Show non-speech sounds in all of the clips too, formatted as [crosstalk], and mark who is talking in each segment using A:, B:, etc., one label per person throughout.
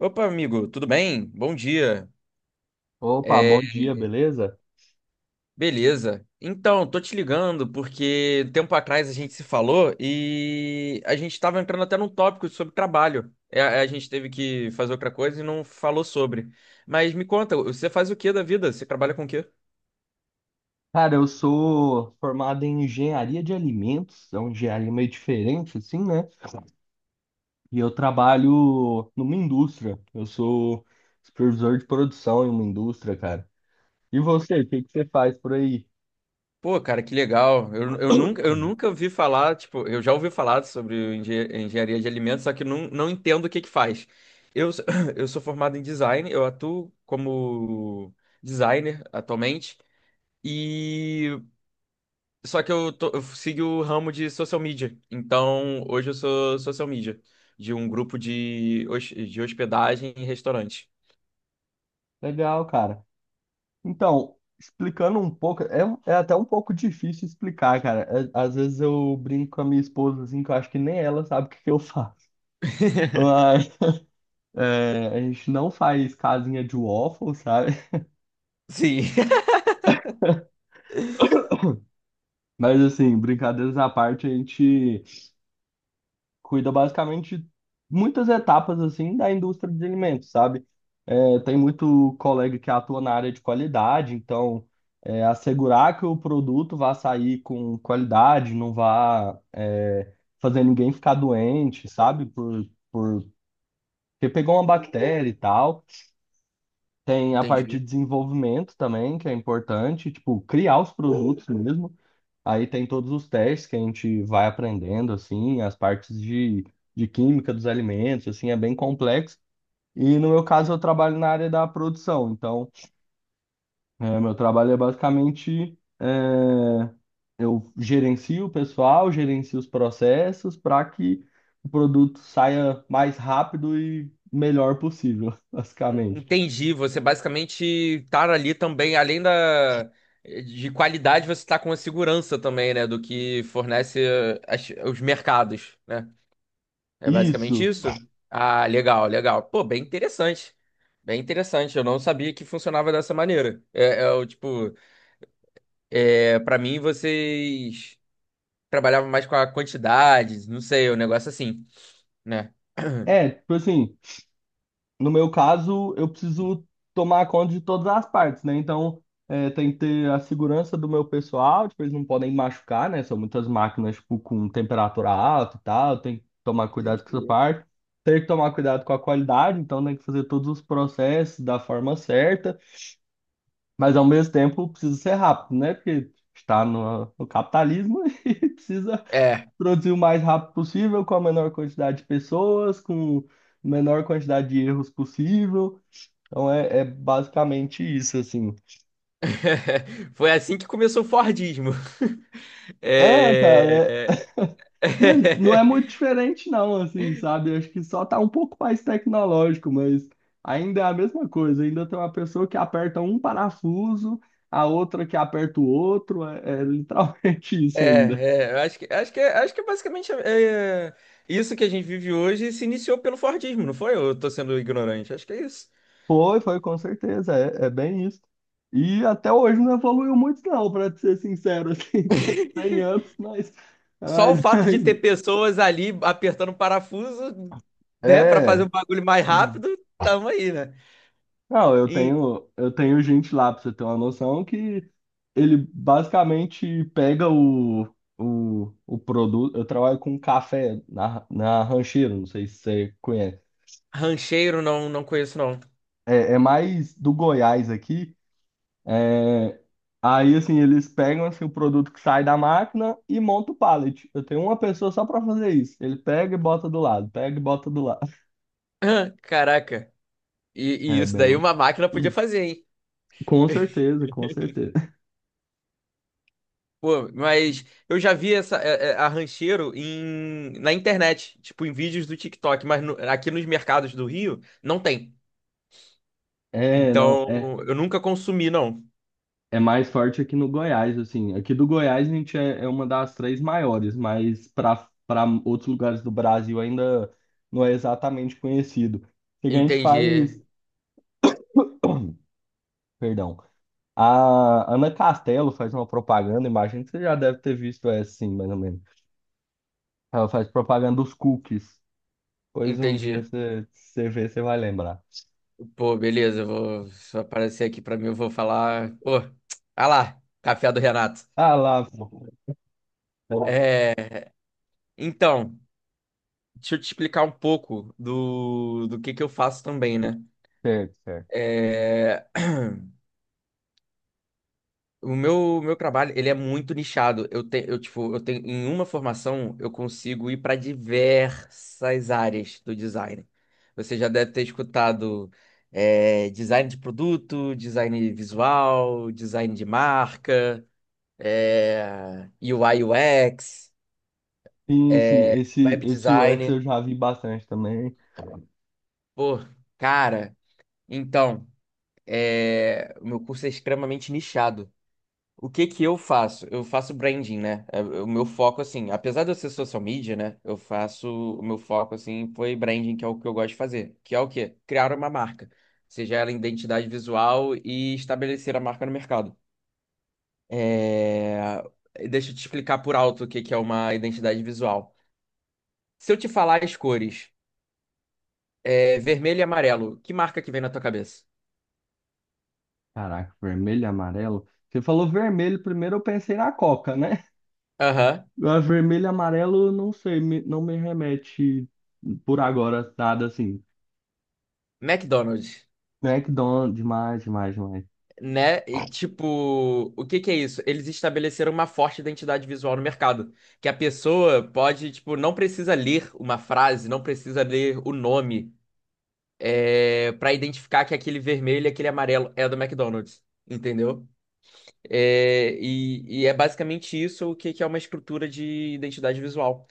A: Opa, amigo, tudo bem? Bom dia.
B: Opa,
A: É,
B: bom dia, beleza?
A: Beleza. Então, tô te ligando porque um tempo atrás a gente se falou e a gente estava entrando até num tópico sobre trabalho. A gente teve que fazer outra coisa e não falou sobre. Mas me conta, você faz o que da vida? Você trabalha com o quê?
B: Cara, eu sou formado em engenharia de alimentos, é uma engenharia meio diferente, assim, né? E eu trabalho numa indústria. Eu sou supervisor de produção em uma indústria, cara. E você, o que que você faz por aí?
A: Pô, cara, que legal. Eu nunca ouvi falar, tipo, eu já ouvi falar sobre engenharia de alimentos, só que não entendo o que que faz. Eu, sou- [coughs] [clears throat] eu sou formado em design, eu atuo como designer atualmente, e só que eu, tô, eu sigo o ramo de social media. Então, hoje eu sou social media de um grupo de hospedagem e restaurante.
B: Legal, cara. Então, explicando um pouco, é até um pouco difícil explicar, cara. É- Às vezes eu brinco com a minha esposa, assim, que eu acho que nem ela sabe o que que eu faço. [laughs]
A: [laughs]
B: Mas, é, a gente não faz casinha de waffle, sabe?
A: Sim. [laughs]
B: Mas assim, brincadeiras à parte, a gente cuida basicamente de muitas etapas assim da indústria de alimentos, sabe? É, tem muito colega que atua na área de qualidade, então é, assegurar que o produto vá sair com qualidade, não vá fazer ninguém ficar doente, sabe? Por... Porque pegou uma bactéria e tal. Tem a parte
A: Entendi.
B: de desenvolvimento também, que é importante, tipo, criar os produtos mesmo. Aí tem todos os testes que a gente vai aprendendo, assim, as partes de química dos alimentos, assim, é bem complexo. E no meu caso, eu trabalho na área da produção. Então, é, meu trabalho é basicamente, é, eu gerencio o pessoal, gerencio os processos para que o produto saia mais rápido e melhor possível, [laughs] basicamente.
A: Entendi, você basicamente estar ali também, além da de qualidade, você está com a segurança também, né, do que fornece os mercados, né? É basicamente
B: Isso.
A: isso? Ah, legal, legal. Pô, bem interessante. Bem interessante, eu não sabia que funcionava dessa maneira. Para mim vocês trabalhavam mais com a quantidade, não sei, o negócio assim, né? [clears throat]
B: É, tipo assim. No meu caso, eu preciso tomar conta de todas as partes, né? Então, é, tem que ter a segurança do meu pessoal, tipo, eles não podem machucar, né? São muitas máquinas, tipo, com temperatura alta e tal, tem que tomar cuidado com essa
A: Entendi.
B: parte. Tem que tomar cuidado com a qualidade, então tem que fazer todos os processos da forma certa, mas ao mesmo tempo precisa ser rápido, né? Porque está no capitalismo [laughs] e precisa
A: É.
B: produzir o mais rápido possível, com a menor quantidade de pessoas, com a menor quantidade de erros possível. Então é, é basicamente isso, assim.
A: [laughs] Foi assim que começou o Fordismo. [laughs]
B: É, cara,
A: É...
B: mas não é muito
A: [laughs]
B: diferente, não, assim, sabe? Acho que só tá um pouco mais tecnológico, mas ainda é a mesma coisa. Ainda tem uma pessoa que aperta um parafuso, a outra que aperta o outro. É, é literalmente [laughs]
A: É,
B: isso ainda.
A: é, eu acho que, acho que, acho que é basicamente isso que a gente vive hoje se iniciou pelo Fordismo, não foi? Eu tô sendo ignorante, acho que é isso.
B: Foi, foi, com certeza. É, é bem isso. E até hoje não evoluiu muito, não, pra te ser sincero, assim, [laughs] tem 100 anos,
A: Só o
B: mas [laughs]
A: fato de ter
B: ainda.
A: pessoas ali apertando o parafuso, né, para fazer
B: É.
A: o bagulho mais rápido, tamo aí, né?
B: Não, eu
A: E
B: tenho, eu tenho gente lá, pra você ter uma noção, que ele basicamente pega o produto. Eu trabalho com café na Rancheiro, não sei se você conhece.
A: rancheiro não conheço, não. [laughs]
B: É, é mais do Goiás aqui. É, aí, assim, eles pegam assim, o produto que sai da máquina e monta o pallet. Eu tenho uma pessoa só pra fazer isso. Ele pega e bota do lado, pega e bota do lado.
A: Ah, caraca, e
B: É
A: isso daí
B: bem.
A: uma máquina podia
B: [clears throat]
A: fazer, hein?
B: Com certeza, com
A: [laughs]
B: certeza.
A: Pô, mas eu já vi a rancheiro na internet, tipo em vídeos do TikTok, mas aqui nos mercados do Rio não tem.
B: É, não.
A: Então
B: É,
A: eu nunca consumi, não.
B: é mais forte aqui no Goiás, assim. Aqui do Goiás a gente é, é uma das três maiores, mas para outros lugares do Brasil ainda não é exatamente conhecido. O que que a gente faz,
A: Entendi,
B: perdão, a Ana Castelo faz uma propaganda, imagino que você já deve ter visto essa, sim, mais ou menos. Ela faz propaganda dos cookies. Pois um dia
A: entendi.
B: você vê, você vai lembrar.
A: Pô, beleza, eu vou se aparecer aqui pra mim, eu vou falar. Pô, ah lá, café do Renato.
B: Ah lá,
A: É, então, deixa eu te explicar um pouco do que eu faço também, né?
B: certo, certo.
A: É, O meu trabalho, ele é muito nichado. Eu tenho, em uma formação, eu consigo ir para diversas áreas do design. Você já deve ter escutado, design de produto, design visual, design de marca, UI UX,
B: Sim, sim,
A: é,
B: esse,
A: web
B: esse UX eu
A: design.
B: já vi bastante também.
A: Pô, cara, então, o meu curso é extremamente nichado. O que que eu faço? Eu faço branding, né? É, o meu foco, assim, apesar de eu ser social media, né? O meu foco, assim, foi branding, que é o que eu gosto de fazer. Que é o quê? Criar uma marca. Seja ela identidade visual e estabelecer a marca no mercado. É... Deixa eu te explicar por alto o que que é uma identidade visual. Se eu te falar as cores, vermelho e amarelo, que marca que vem na tua cabeça?
B: Caraca, vermelho e amarelo. Você falou vermelho primeiro, eu pensei na Coca, né?
A: Aham.
B: Agora, vermelho e amarelo, não sei, não me remete por agora nada assim.
A: McDonald's,
B: McDonald's, demais, demais, demais.
A: né? E tipo, o que que é isso? Eles estabeleceram uma forte identidade visual no mercado, que a pessoa pode, tipo, não precisa ler uma frase, não precisa ler o nome, para identificar que aquele vermelho e aquele amarelo é do McDonald's, entendeu? E é basicamente isso o que que é uma estrutura de identidade visual,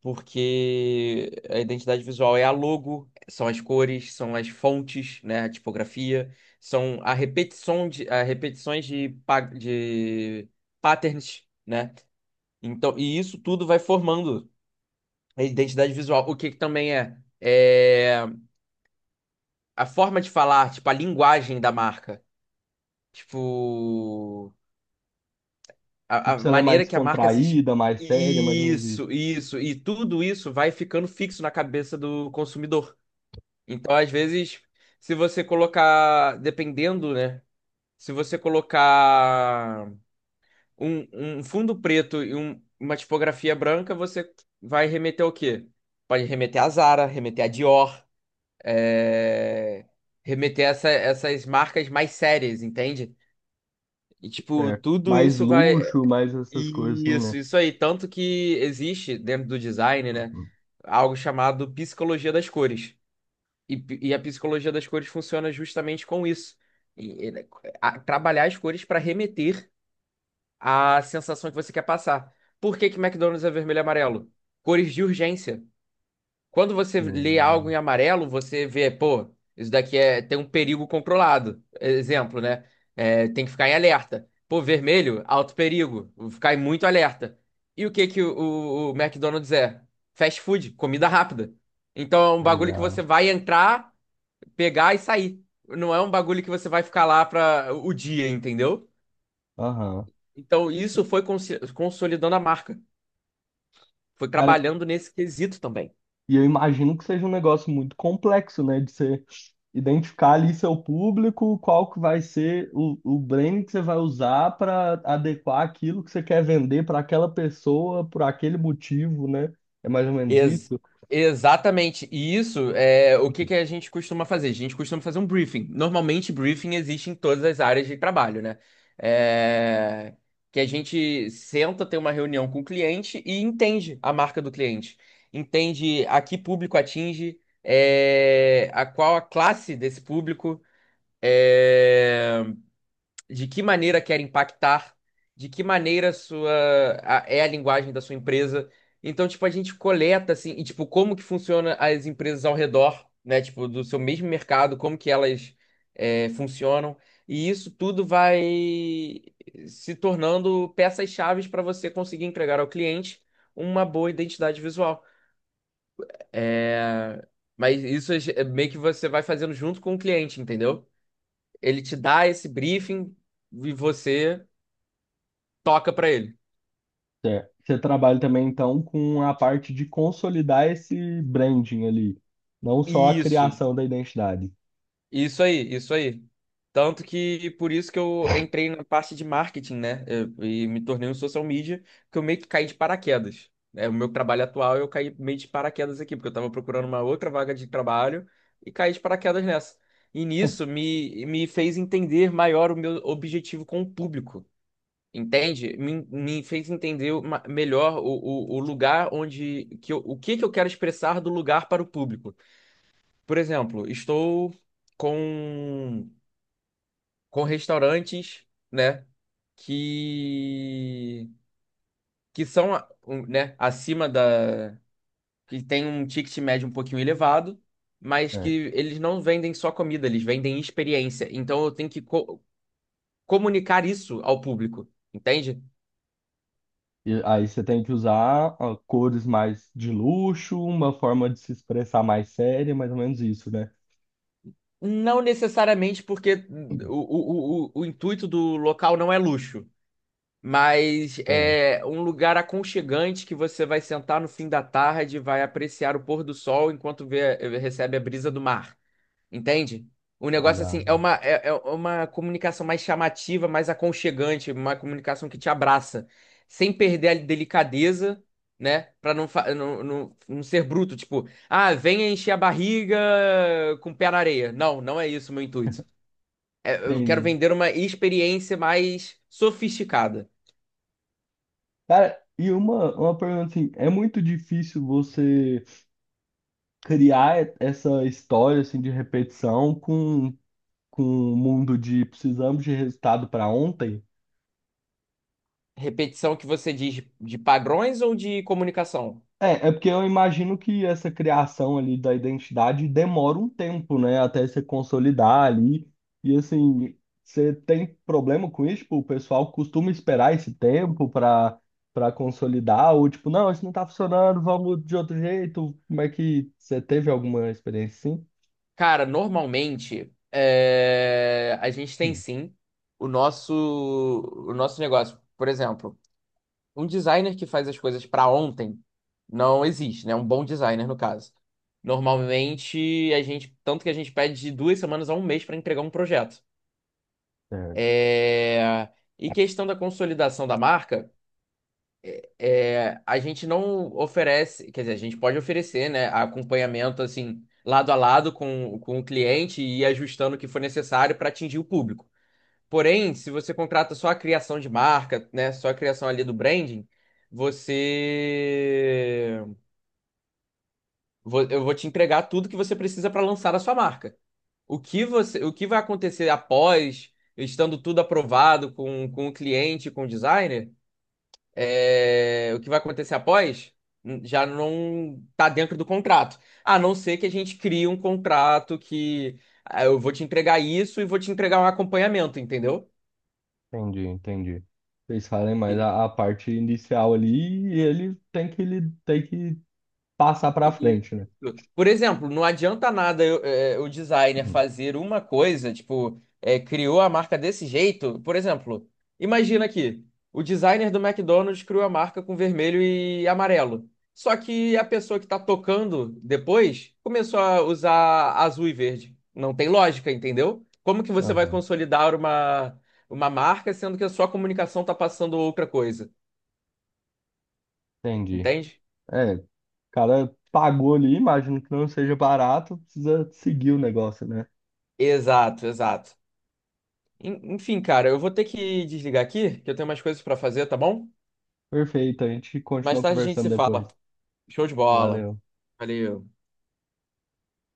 A: porque a identidade visual é a logo, são as cores, são as fontes, né, a tipografia, são a repetições de patterns, né? Então, e isso tudo vai formando a identidade visual. O que que também é? É a forma de falar, tipo, a linguagem da marca. Tipo, a
B: Tipo, se ela é mais
A: maneira que a marca se...
B: descontraída, mais séria, mais ou menos isso.
A: Isso, isso. E tudo isso vai ficando fixo na cabeça do consumidor. Então, às vezes, se você colocar, dependendo, né? Se você colocar um fundo preto e uma tipografia branca, você vai remeter ao quê? Pode remeter à Zara, remeter à Dior, é, remeter a essas marcas mais sérias, entende? E, tipo,
B: É.
A: tudo
B: Mais
A: isso vai.
B: luxo, mais essas coisas assim,
A: Isso,
B: né?
A: isso aí. Tanto que existe dentro do design, né?
B: Uhum.
A: Algo chamado psicologia das cores. E a psicologia das cores funciona justamente com isso. E- e- né, Trabalhar as cores para remeter à sensação que você quer passar. Por que que McDonald's é vermelho e amarelo? Cores de urgência. Quando você lê algo
B: Hum,
A: em amarelo, você vê, pô, isso daqui é, tem um perigo controlado. Exemplo, né? É, tem que ficar em alerta. Pô, vermelho, alto perigo. Vou ficar em muito alerta. E o que que o McDonald's é? Fast food, comida rápida. Então é um bagulho que você
B: legal.
A: vai entrar, pegar e sair. Não é um bagulho que você vai ficar lá para o dia, entendeu?
B: Aham.
A: Então isso foi consolidando a marca. Foi
B: Cara,
A: trabalhando nesse quesito também.
B: e eu imagino que seja um negócio muito complexo, né? De você identificar ali seu público, qual que vai ser o branding que você vai usar para adequar aquilo que você quer vender para aquela pessoa, por aquele motivo, né? É mais ou menos
A: Ex-
B: isso.
A: Exatamente. E isso é o que que a gente costuma fazer? A gente costuma fazer um briefing. Normalmente, briefing existe em todas as áreas de trabalho, né? É, Que a gente senta, tem uma reunião com o cliente e entende a marca do cliente. Entende a que público atinge, a qual a classe desse público, é, de que maneira quer impactar, de que maneira é a linguagem da sua empresa. Então, tipo, a gente coleta assim, e tipo, como que funciona as empresas ao redor, né? Tipo, do seu mesmo mercado, como que elas funcionam. E isso tudo vai se tornando peças-chaves para você conseguir entregar ao cliente uma boa identidade visual. É, Mas isso é meio que você vai fazendo junto com o cliente, entendeu? Ele te dá esse briefing e você toca pra ele.
B: É. Você trabalha também, então, com a parte de consolidar esse branding ali, não só a
A: Isso,
B: criação da identidade.
A: isso aí, isso aí. Tanto que por isso que eu entrei na parte de marketing, né? E me tornei um social media, que eu meio que caí de paraquedas. É, o meu trabalho atual, eu caí meio de paraquedas aqui, porque eu tava procurando uma outra vaga de trabalho e caí de paraquedas nessa. E nisso me fez entender maior o meu objetivo com o público. Entende? Me fez entender melhor o lugar onde o que que eu quero expressar do lugar para o público. Por exemplo, estou com restaurantes, né, que que são, a- um, né, acima da que tem um ticket médio um pouquinho elevado, mas que
B: É.
A: eles não vendem só comida, eles vendem experiência. Então eu tenho que comunicar isso ao público, entende?
B: E aí você tem que usar ó, cores mais de luxo, uma forma de se expressar mais séria, mais ou menos isso, né?
A: Não necessariamente porque o intuito do local não é luxo, mas
B: Certo,
A: é um lugar aconchegante que você vai sentar no fim da tarde, vai apreciar o pôr do sol enquanto recebe a brisa do mar. Entende? O negócio,
B: legal.
A: assim, é é uma comunicação mais chamativa, mais aconchegante, uma comunicação que te abraça, sem perder a delicadeza, né? Pra não ser bruto, tipo, ah, venha encher a barriga com o pé na areia. Não, não é isso o meu intuito. É, eu quero
B: Entendi.
A: vender uma experiência mais sofisticada.
B: Cara, e uma pergunta assim, é muito difícil você criar essa história assim de repetição com o mundo de precisamos de resultado para ontem?
A: Repetição que você diz de padrões ou de comunicação?
B: É, é porque eu imagino que essa criação ali da identidade demora um tempo, né? Até se consolidar ali. E assim, você tem problema com isso? Tipo, o pessoal costuma esperar esse tempo para consolidar? Ou tipo, não, isso não tá funcionando, vamos de outro jeito? Como é que você teve alguma experiência assim?
A: Cara, normalmente a gente tem
B: Hum,
A: sim o nosso o nosso negócio. Por exemplo, um designer que faz as coisas para ontem não existe, né? Um bom designer no caso. Normalmente a gente tanto que a gente pede de duas semanas a um mês para entregar um projeto.
B: é,
A: É, E questão da consolidação da marca, a gente não oferece, quer dizer, a gente pode oferecer, né, acompanhamento assim, lado a lado com o cliente, e ir ajustando o que for necessário para atingir o público. Porém, se você contrata só a criação de marca, né, só a criação ali do branding, você eu vou te entregar tudo que você precisa para lançar a sua marca. O que vai acontecer após, estando tudo aprovado com o cliente, com o designer? É, o que vai acontecer após, já não tá dentro do contrato. A não ser que a gente crie um contrato que, ah, eu vou te entregar isso e vou te entregar um acompanhamento, entendeu?
B: entendi, entendi. Vocês falem mais a parte inicial ali e ele tem que passar para
A: E,
B: frente, né?
A: por exemplo, não adianta nada o designer
B: Hum,
A: fazer uma coisa, tipo, é, criou a marca desse jeito. Por exemplo, imagina aqui, o designer do McDonald's criou a marca com vermelho e amarelo. Só que a pessoa que tá tocando depois começou a usar azul e verde. Não tem lógica, entendeu? Como que você vai
B: aham,
A: consolidar uma marca sendo que a sua comunicação tá passando outra coisa?
B: entendi.
A: Entende?
B: É, cara pagou ali, imagino que não seja barato, precisa seguir o negócio, né?
A: Exato, exato. Enfim, cara, eu vou ter que desligar aqui, que eu tenho umas coisas pra fazer, tá bom?
B: Perfeito, a gente
A: Mais
B: continua
A: tarde a gente
B: conversando
A: se fala.
B: depois.
A: Show de bola.
B: Valeu.
A: Valeu.